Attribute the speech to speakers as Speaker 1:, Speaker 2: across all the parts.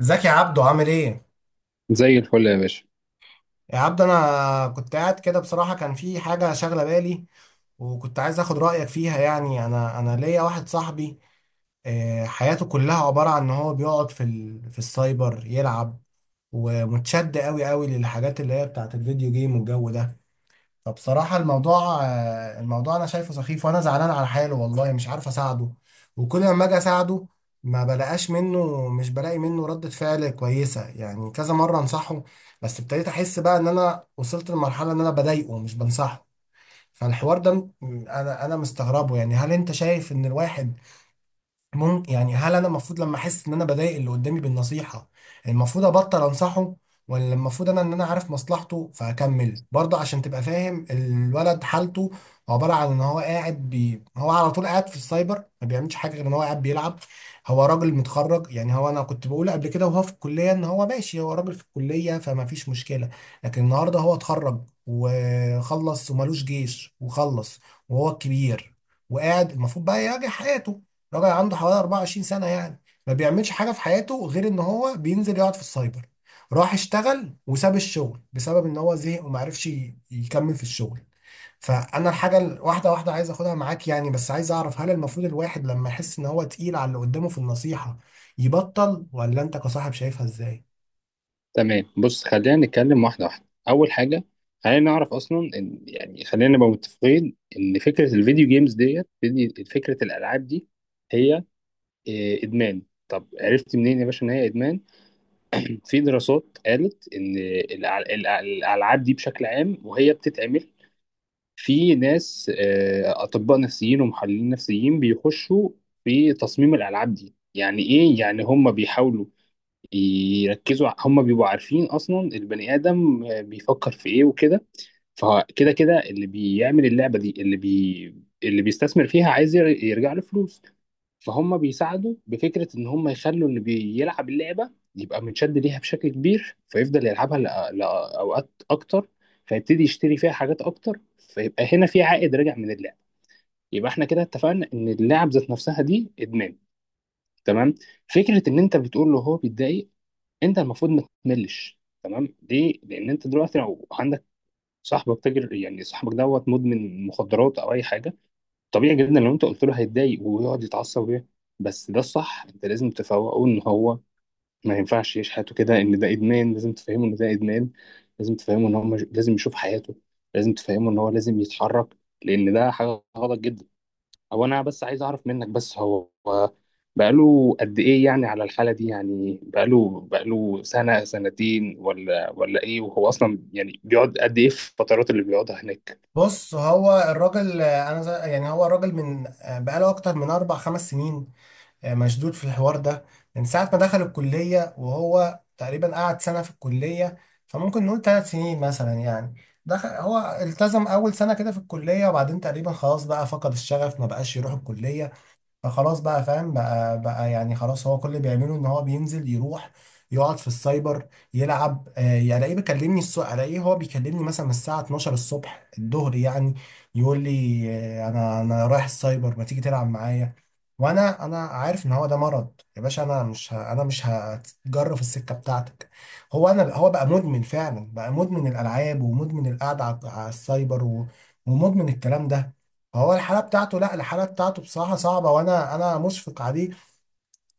Speaker 1: ازيك يا عبدو؟ عامل ايه؟
Speaker 2: زي الفل يا باشا.
Speaker 1: يا عبدو انا كنت قاعد كده، بصراحة كان في حاجة شاغلة بالي وكنت عايز اخد رأيك فيها. يعني انا ليا واحد صاحبي، حياته كلها عبارة عن ان هو بيقعد في السايبر يلعب، ومتشد قوي قوي للحاجات اللي هي بتاعت الفيديو جيم والجو ده. فبصراحة الموضوع، الموضوع أنا شايفه سخيف، وأنا زعلان على حاله والله، مش عارف أساعده. وكل ما أجي أساعده ما بلاقاش منه، مش بلاقي منه ردة فعل كويسة. يعني كذا مرة أنصحه، بس ابتديت أحس بقى إن أنا وصلت لمرحلة إن أنا بضايقه مش بنصحه. فالحوار ده م- أنا مستغربه، يعني هل أنت شايف إن الواحد ممكن، يعني هل انا المفروض لما احس ان انا بضايق اللي قدامي بالنصيحه المفروض ابطل انصحه، ولا المفروض انا ان انا عارف مصلحته فاكمل برضه؟ عشان تبقى فاهم، الولد حالته عباره عن ان هو قاعد هو على طول قاعد في السايبر، ما بيعملش حاجه غير ان هو قاعد بيلعب. هو راجل متخرج، يعني هو انا كنت بقول قبل كده وهو في الكليه ان هو ماشي، هو راجل في الكليه فما فيش مشكله، لكن النهارده هو اتخرج وخلص ومالوش جيش وخلص، وهو الكبير، وقاعد المفروض بقى يراجع حياته. راجل عنده حوالي 24 سنة يعني، ما بيعملش حاجة في حياته غير ان هو بينزل يقعد في السايبر. راح اشتغل وساب الشغل بسبب ان هو زهق وما عرفش يكمل في الشغل. واحدة واحدة عايز اخدها معاك يعني، بس عايز اعرف، هل المفروض الواحد لما يحس ان هو تقيل على اللي قدامه في النصيحة يبطل، ولا انت كصاحب شايفها ازاي؟
Speaker 2: تمام، بص، خلينا نتكلم واحدة واحدة. أول حاجة، خلينا نعرف أصلا إن يعني خلينا نبقى متفقين إن فكرة الفيديو جيمز فكرة الألعاب دي هي، إدمان. طب عرفت منين يا باشا إن هي إدمان؟ في دراسات قالت إن الألعاب دي بشكل عام وهي بتتعمل. في ناس، أطباء نفسيين ومحللين نفسيين، بيخشوا في تصميم الألعاب دي. يعني إيه؟ يعني هم بيحاولوا يركزوا، هم بيبقوا عارفين اصلا البني ادم بيفكر في ايه وكده. فكده كده اللي بيعمل اللعبه دي، اللي بيستثمر فيها عايز يرجع له فلوس. فهم بيساعدوا بفكره ان هم يخلوا اللي بيلعب اللعبه يبقى متشد ليها بشكل كبير، فيفضل يلعبها لاوقات اكتر، فيبتدي يشتري فيها حاجات اكتر، فيبقى هنا في عائد راجع من اللعبه. يبقى احنا كده اتفقنا ان اللعب ذات نفسها دي ادمان، تمام. فكره ان انت بتقول له هو بيتضايق، انت المفروض ما تملش. تمام، ليه؟ لان انت دلوقتي لو عندك صاحبك تاجر، يعني صاحبك دوت مدمن مخدرات او اي حاجه، طبيعي جدا لو انت قلت له هيتضايق ويقعد يتعصب بس ده الصح. انت لازم تفوقه ان هو ما ينفعش يعيش حياته كده، ان ده ادمان. لازم تفهمه ان ده ادمان، لازم تفهمه ان هو مش... لازم يشوف حياته، لازم تفهمه ان هو لازم يتحرك، لان ده حاجه غلط جدا. هو انا بس عايز اعرف منك، بس هو بقاله قد ايه يعني على الحالة دي؟ يعني بقاله سنة سنتين ولا ايه؟ وهو اصلا يعني بيقعد قد ايه في الفترات اللي بيقعدها هناك؟
Speaker 1: بص هو الراجل، انا يعني هو الراجل من، بقاله اكتر من اربع خمس سنين مشدود في الحوار ده. من ساعة ما دخل الكلية، وهو تقريبا قعد سنة في الكلية، فممكن نقول ثلاث سنين مثلا يعني. دخل هو التزم أول سنة كده في الكلية، وبعدين تقريبا خلاص بقى فقد الشغف، ما بقاش يروح الكلية. فخلاص بقى فاهم بقى يعني، خلاص هو كل اللي بيعمله ان هو بينزل يروح يقعد في السايبر يلعب. آه يعني الاقيه بيكلمني الصبح، الاقيه هو بيكلمني مثلا الساعة 12 الصبح الظهر يعني، يقول لي آه انا رايح السايبر، ما تيجي تلعب معايا. وانا عارف ان هو ده مرض. يا باشا انا مش هتجرف السكة بتاعتك. هو انا، هو بقى مدمن فعلا، بقى مدمن الالعاب ومدمن القعدة على السايبر ومدمن الكلام ده. هو الحالة بتاعته، لا الحالة بتاعته بصراحة صعبة، وانا مشفق عليه.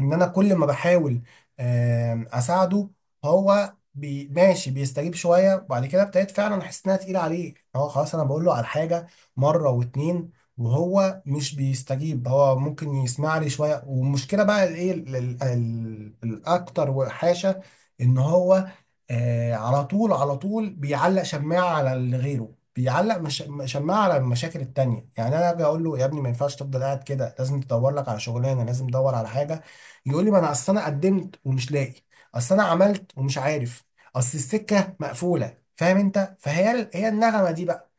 Speaker 1: ان انا كل ما بحاول اساعده هو ماشي بيستجيب شويه، وبعد كده ابتديت فعلا احس انها تقيله عليه، هو خلاص. انا بقول له على حاجه مره واتنين وهو مش بيستجيب، هو ممكن يسمع لي شويه. والمشكله بقى الايه الاكتر وحاشه، ان هو، على طول على طول بيعلق شماعه على اللي غيره، بيعلق مش شماعه على المشاكل التانية. يعني انا اجي اقول له يا ابني ما ينفعش تفضل قاعد كده، لازم تدور لك على شغلانه، لازم تدور على حاجه. يقول لي ما انا اصل انا قدمت ومش لاقي، اصل انا عملت ومش عارف، اصل السكه مقفوله، فاهم انت؟ هي النغمه دي بقى.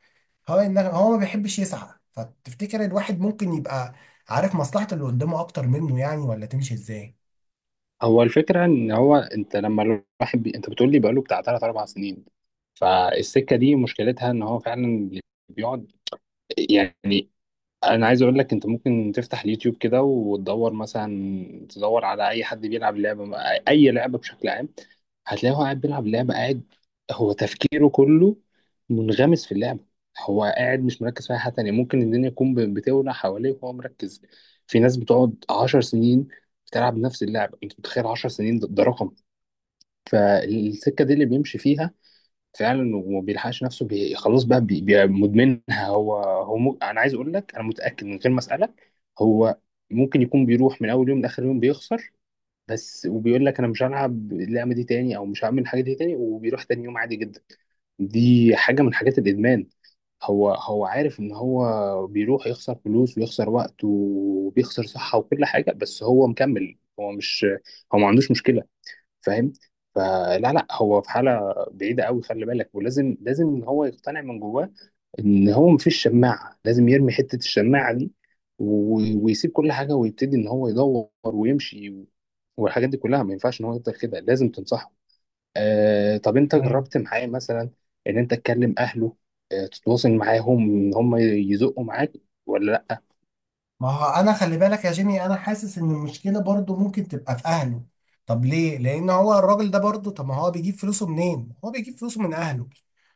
Speaker 1: هو النغمه، هو ما بيحبش يسعى. فتفتكر الواحد ممكن يبقى عارف مصلحه اللي قدامه اكتر منه يعني، ولا تمشي ازاي؟
Speaker 2: هو الفكرة ان هو، انت لما الواحد انت بتقول لي بقاله بتاع 3 4 سنين. فالسكة دي مشكلتها ان هو فعلا بيقعد، يعني انا عايز اقول لك، انت ممكن تفتح اليوتيوب كده وتدور مثلا، تدور على اي حد بيلعب لعبة، اي لعبة بشكل عام، هتلاقيه هو قاعد بيلعب لعبة قاعد، هو تفكيره كله منغمس في اللعبة. هو قاعد مش مركز في أي حاجة تانية، ممكن الدنيا تكون بتولع حواليه وهو مركز. في ناس بتقعد 10 سنين بتلعب نفس اللعبة، أنت متخيل 10 سنين؟ ده رقم. فالسكة دي اللي بيمشي فيها فعلا، وما بيلحقش نفسه، بي خلاص بقى بي بي مدمنها. أنا عايز أقول لك، أنا متأكد من غير ما أسألك، هو ممكن يكون بيروح من أول يوم لآخر يوم بيخسر، بس وبيقول لك انا مش هلعب اللعبه دي تاني، او مش هعمل الحاجه دي تاني، وبيروح تاني يوم عادي جدا. دي حاجه من حاجات الادمان. هو عارف ان هو بيروح يخسر فلوس ويخسر وقت وبيخسر صحه وكل حاجه، بس هو مكمل، هو ما عندوش مشكله، فاهم؟ فلا لا، هو في حاله بعيده قوي، خلي بالك. ولازم ان هو يقتنع من جواه ان هو مفيش شماعه، لازم يرمي حته الشماعه دي، ويسيب كل حاجه ويبتدي ان هو يدور ويمشي، والحاجات دي كلها ما ينفعش ان هو يفضل كده، لازم تنصحه. آه، طب انت جربت معاه مثلا ان انت تكلم اهله؟ آه، تتواصل معاهم ان هم يزقوا معاك، ولا لا؟
Speaker 1: ما هو انا خلي بالك يا جيمي، انا حاسس ان المشكله برضو ممكن تبقى في اهله. طب ليه؟ لان هو الراجل ده برضو، طب ما هو بيجيب فلوسه منين؟ هو بيجيب فلوسه من اهله.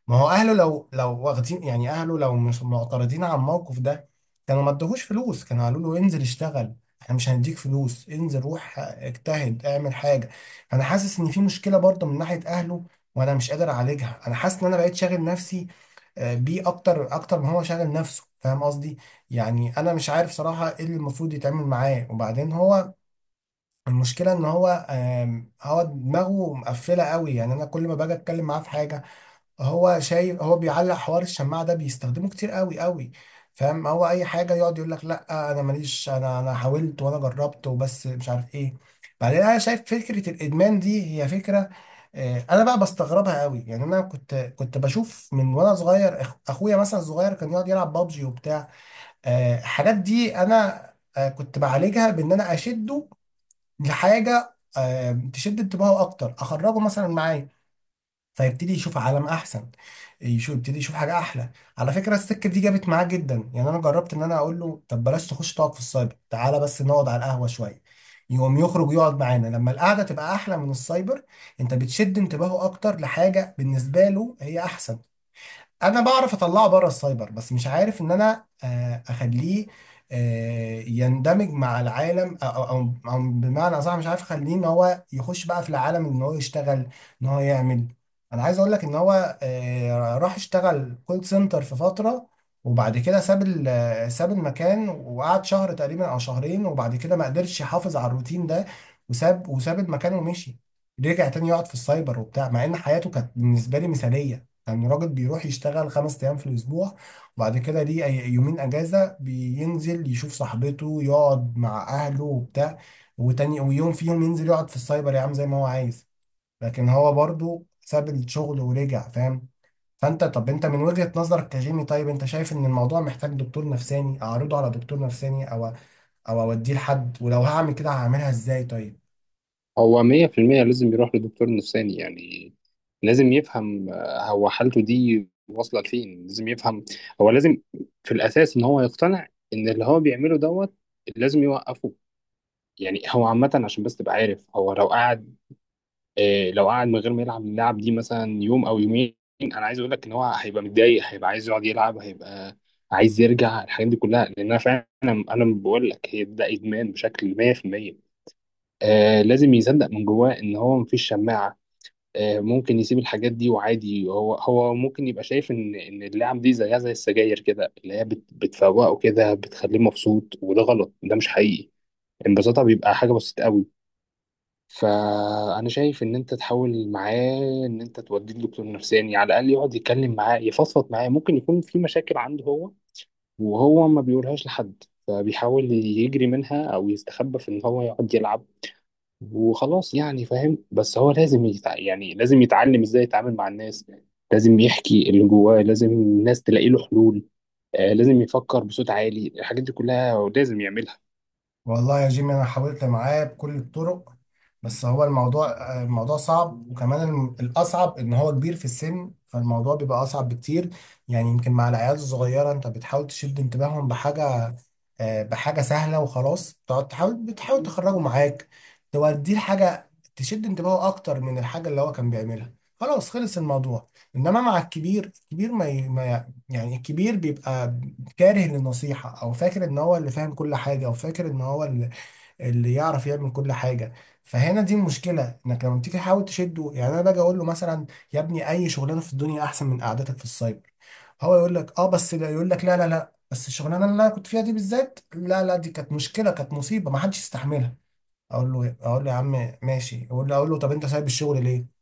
Speaker 1: ما هو اهله لو واخدين يعني، اهله لو مش معترضين على الموقف ده كانوا ما ادوهوش فلوس، كانوا قالوا له انزل اشتغل، احنا مش هنديك فلوس، انزل روح اجتهد اعمل حاجه. انا حاسس ان في مشكله برضو من ناحيه اهله، وانا مش قادر اعالجها. انا حاسس ان انا بقيت شاغل نفسي بيه، اكتر اكتر ما هو شاغل نفسه، فاهم قصدي؟ يعني انا مش عارف صراحه ايه اللي المفروض يتعمل معاه. وبعدين هو المشكله ان هو، هو دماغه مقفله قوي. يعني انا كل ما باجي اتكلم معاه في حاجه هو شايف، هو بيعلق حوار الشماعه ده بيستخدمه كتير قوي قوي، فاهم؟ هو اي حاجه يقعد يقول لك لا انا ماليش، انا حاولت وانا جربت، وبس مش عارف ايه. بعدين انا شايف فكره الادمان دي هي فكره، انا بقى بستغربها قوي. يعني انا كنت بشوف من وانا صغير، اخويا مثلا صغير كان يقعد يلعب بابجي وبتاع، الحاجات دي انا كنت بعالجها بان انا اشده لحاجه تشد انتباهه اكتر، اخرجه مثلا معايا فيبتدي يشوف عالم احسن، يبتدي يشوف حاجه احلى. على فكره السكه دي جابت معاه جدا. يعني انا جربت ان انا اقول له طب بلاش تخش تقعد في السايبر، تعالى بس نقعد على القهوه شويه، يقوم يخرج يقعد معانا لما القعده تبقى احلى من السايبر. انت بتشد انتباهه اكتر لحاجه بالنسبه له هي احسن. انا بعرف اطلعه بره السايبر، بس مش عارف ان انا، اخليه يندمج مع العالم، أو بمعنى اصح مش عارف اخليه ان هو يخش بقى في العالم، ان هو يشتغل، ان هو يعمل. انا عايز اقول لك ان هو، راح اشتغل كول سنتر في فترة، وبعد كده ساب ال- آه، ساب المكان وقعد شهر تقريبا او شهرين، وبعد كده ما قدرش يحافظ على الروتين ده وساب المكان ومشي. رجع تاني يقعد في السايبر وبتاع، مع ان حياته كانت بالنسبة لي مثالية. يعني راجل بيروح يشتغل خمس أيام في الأسبوع، وبعد كده ليه يومين أجازة بينزل يشوف صاحبته، يقعد مع أهله وبتاع، وتاني ويوم فيهم ينزل يقعد في السايبر يا عم زي ما هو عايز، لكن هو برضو ساب الشغل ورجع، فاهم. فأنت، طب أنت من وجهة نظرك كجيمي، طيب أنت شايف إن الموضوع محتاج دكتور نفساني، أعرضه على دكتور نفساني، أو أو أوديه لحد؟ ولو هعمل كده هعملها إزاي طيب؟
Speaker 2: هو 100% لازم يروح لدكتور نفساني. يعني لازم يفهم هو حالته دي واصله لفين. لازم يفهم هو، لازم في الاساس ان هو يقتنع ان اللي هو بيعمله دوت لازم يوقفه. يعني هو عامة عشان بس تبقى عارف، هو لو قعد لو قعد من غير ما يلعب اللعب دي مثلا يوم أو يومين، أنا عايز أقول لك إن هو هيبقى متضايق، هيبقى عايز يقعد يلعب، هيبقى عايز يرجع الحاجات دي كلها، لأن أنا فعلا أنا بقول لك هي ده إدمان بشكل 100%. آه، لازم يصدق من جواه إن هو مفيش شماعة. آه، ممكن يسيب الحاجات دي وعادي. هو ممكن يبقى شايف إن اللعب دي زيها زي السجاير كده، اللي هي بتفوقه كده بتخليه مبسوط، وده غلط، ده مش حقيقي. انبساطها بيبقى حاجة بسيطة قوي. فانا شايف ان انت تحاول معاه ان انت توديه لدكتور نفساني، يعني على الاقل يقعد يتكلم معاه يفضفض معاه. ممكن يكون في مشاكل عنده هو وهو ما بيقولهاش لحد، فبيحاول يجري منها او يستخبى في ان هو يقعد يلعب وخلاص، يعني فاهم. بس هو لازم يعني لازم يتعلم ازاي يتعامل مع الناس. لازم يحكي اللي جواه، لازم الناس تلاقي له حلول. آه، لازم يفكر بصوت عالي. الحاجات دي كلها هو لازم يعملها.
Speaker 1: والله يا جيمي انا حاولت معاه بكل الطرق، بس هو الموضوع، الموضوع صعب. وكمان الاصعب ان هو كبير في السن، فالموضوع بيبقى اصعب بكتير. يعني يمكن مع العيال الصغيره انت بتحاول تشد انتباههم بحاجه، بحاجه سهله، وخلاص تقعد تحاول، بتحاول تخرجه معاك، توديه لحاجه تشد انتباهه اكتر من الحاجه اللي هو كان بيعملها، خلاص خلص الموضوع. انما مع الكبير، الكبير ما ي- ما ي- يعني الكبير بيبقى كاره للنصيحة، أو فاكر إن هو اللي فاهم كل حاجة، أو فاكر إن هو اللي، اللي يعرف يعمل كل حاجة. فهنا دي المشكلة، إنك لما تيجي تحاول تشده يعني، أنا باجي أقول له مثلا يا ابني أي شغلانة في الدنيا أحسن من قعدتك في السايبر، هو يقول لك أه بس لا، يقول لك لا لا لا بس الشغلانة اللي أنا كنت فيها دي بالذات، لا لا دي كانت مشكلة، كانت مصيبة ما حدش يستحملها. أقول له إيه؟ أقول له يا عم ماشي. أقول له طب أنت سايب الشغل ليه؟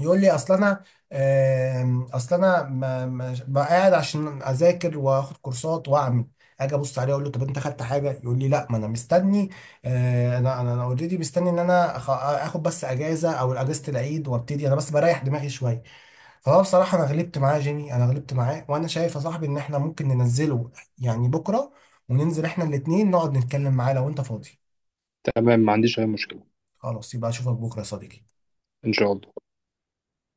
Speaker 1: يقول لي اصل انا، اصل انا ما بقى قاعد عشان اذاكر واخد كورسات واعمل. اجي ابص عليه اقول له طب انت خدت حاجه، يقول لي لا ما انا مستني، انا اوريدي مستني ان انا اخد بس اجازه او اجازه العيد، وابتدي انا بس بريح دماغي شويه. فهو بصراحه انا غلبت معاه يا جيمي، انا غلبت معاه. وانا شايف يا صاحبي ان احنا ممكن ننزله يعني بكره، وننزل احنا الاتنين نقعد نتكلم معاه لو انت فاضي.
Speaker 2: تمام، ما عنديش اي مشكلة.
Speaker 1: خلاص يبقى اشوفك بكره يا صديقي.
Speaker 2: ان شاء الله.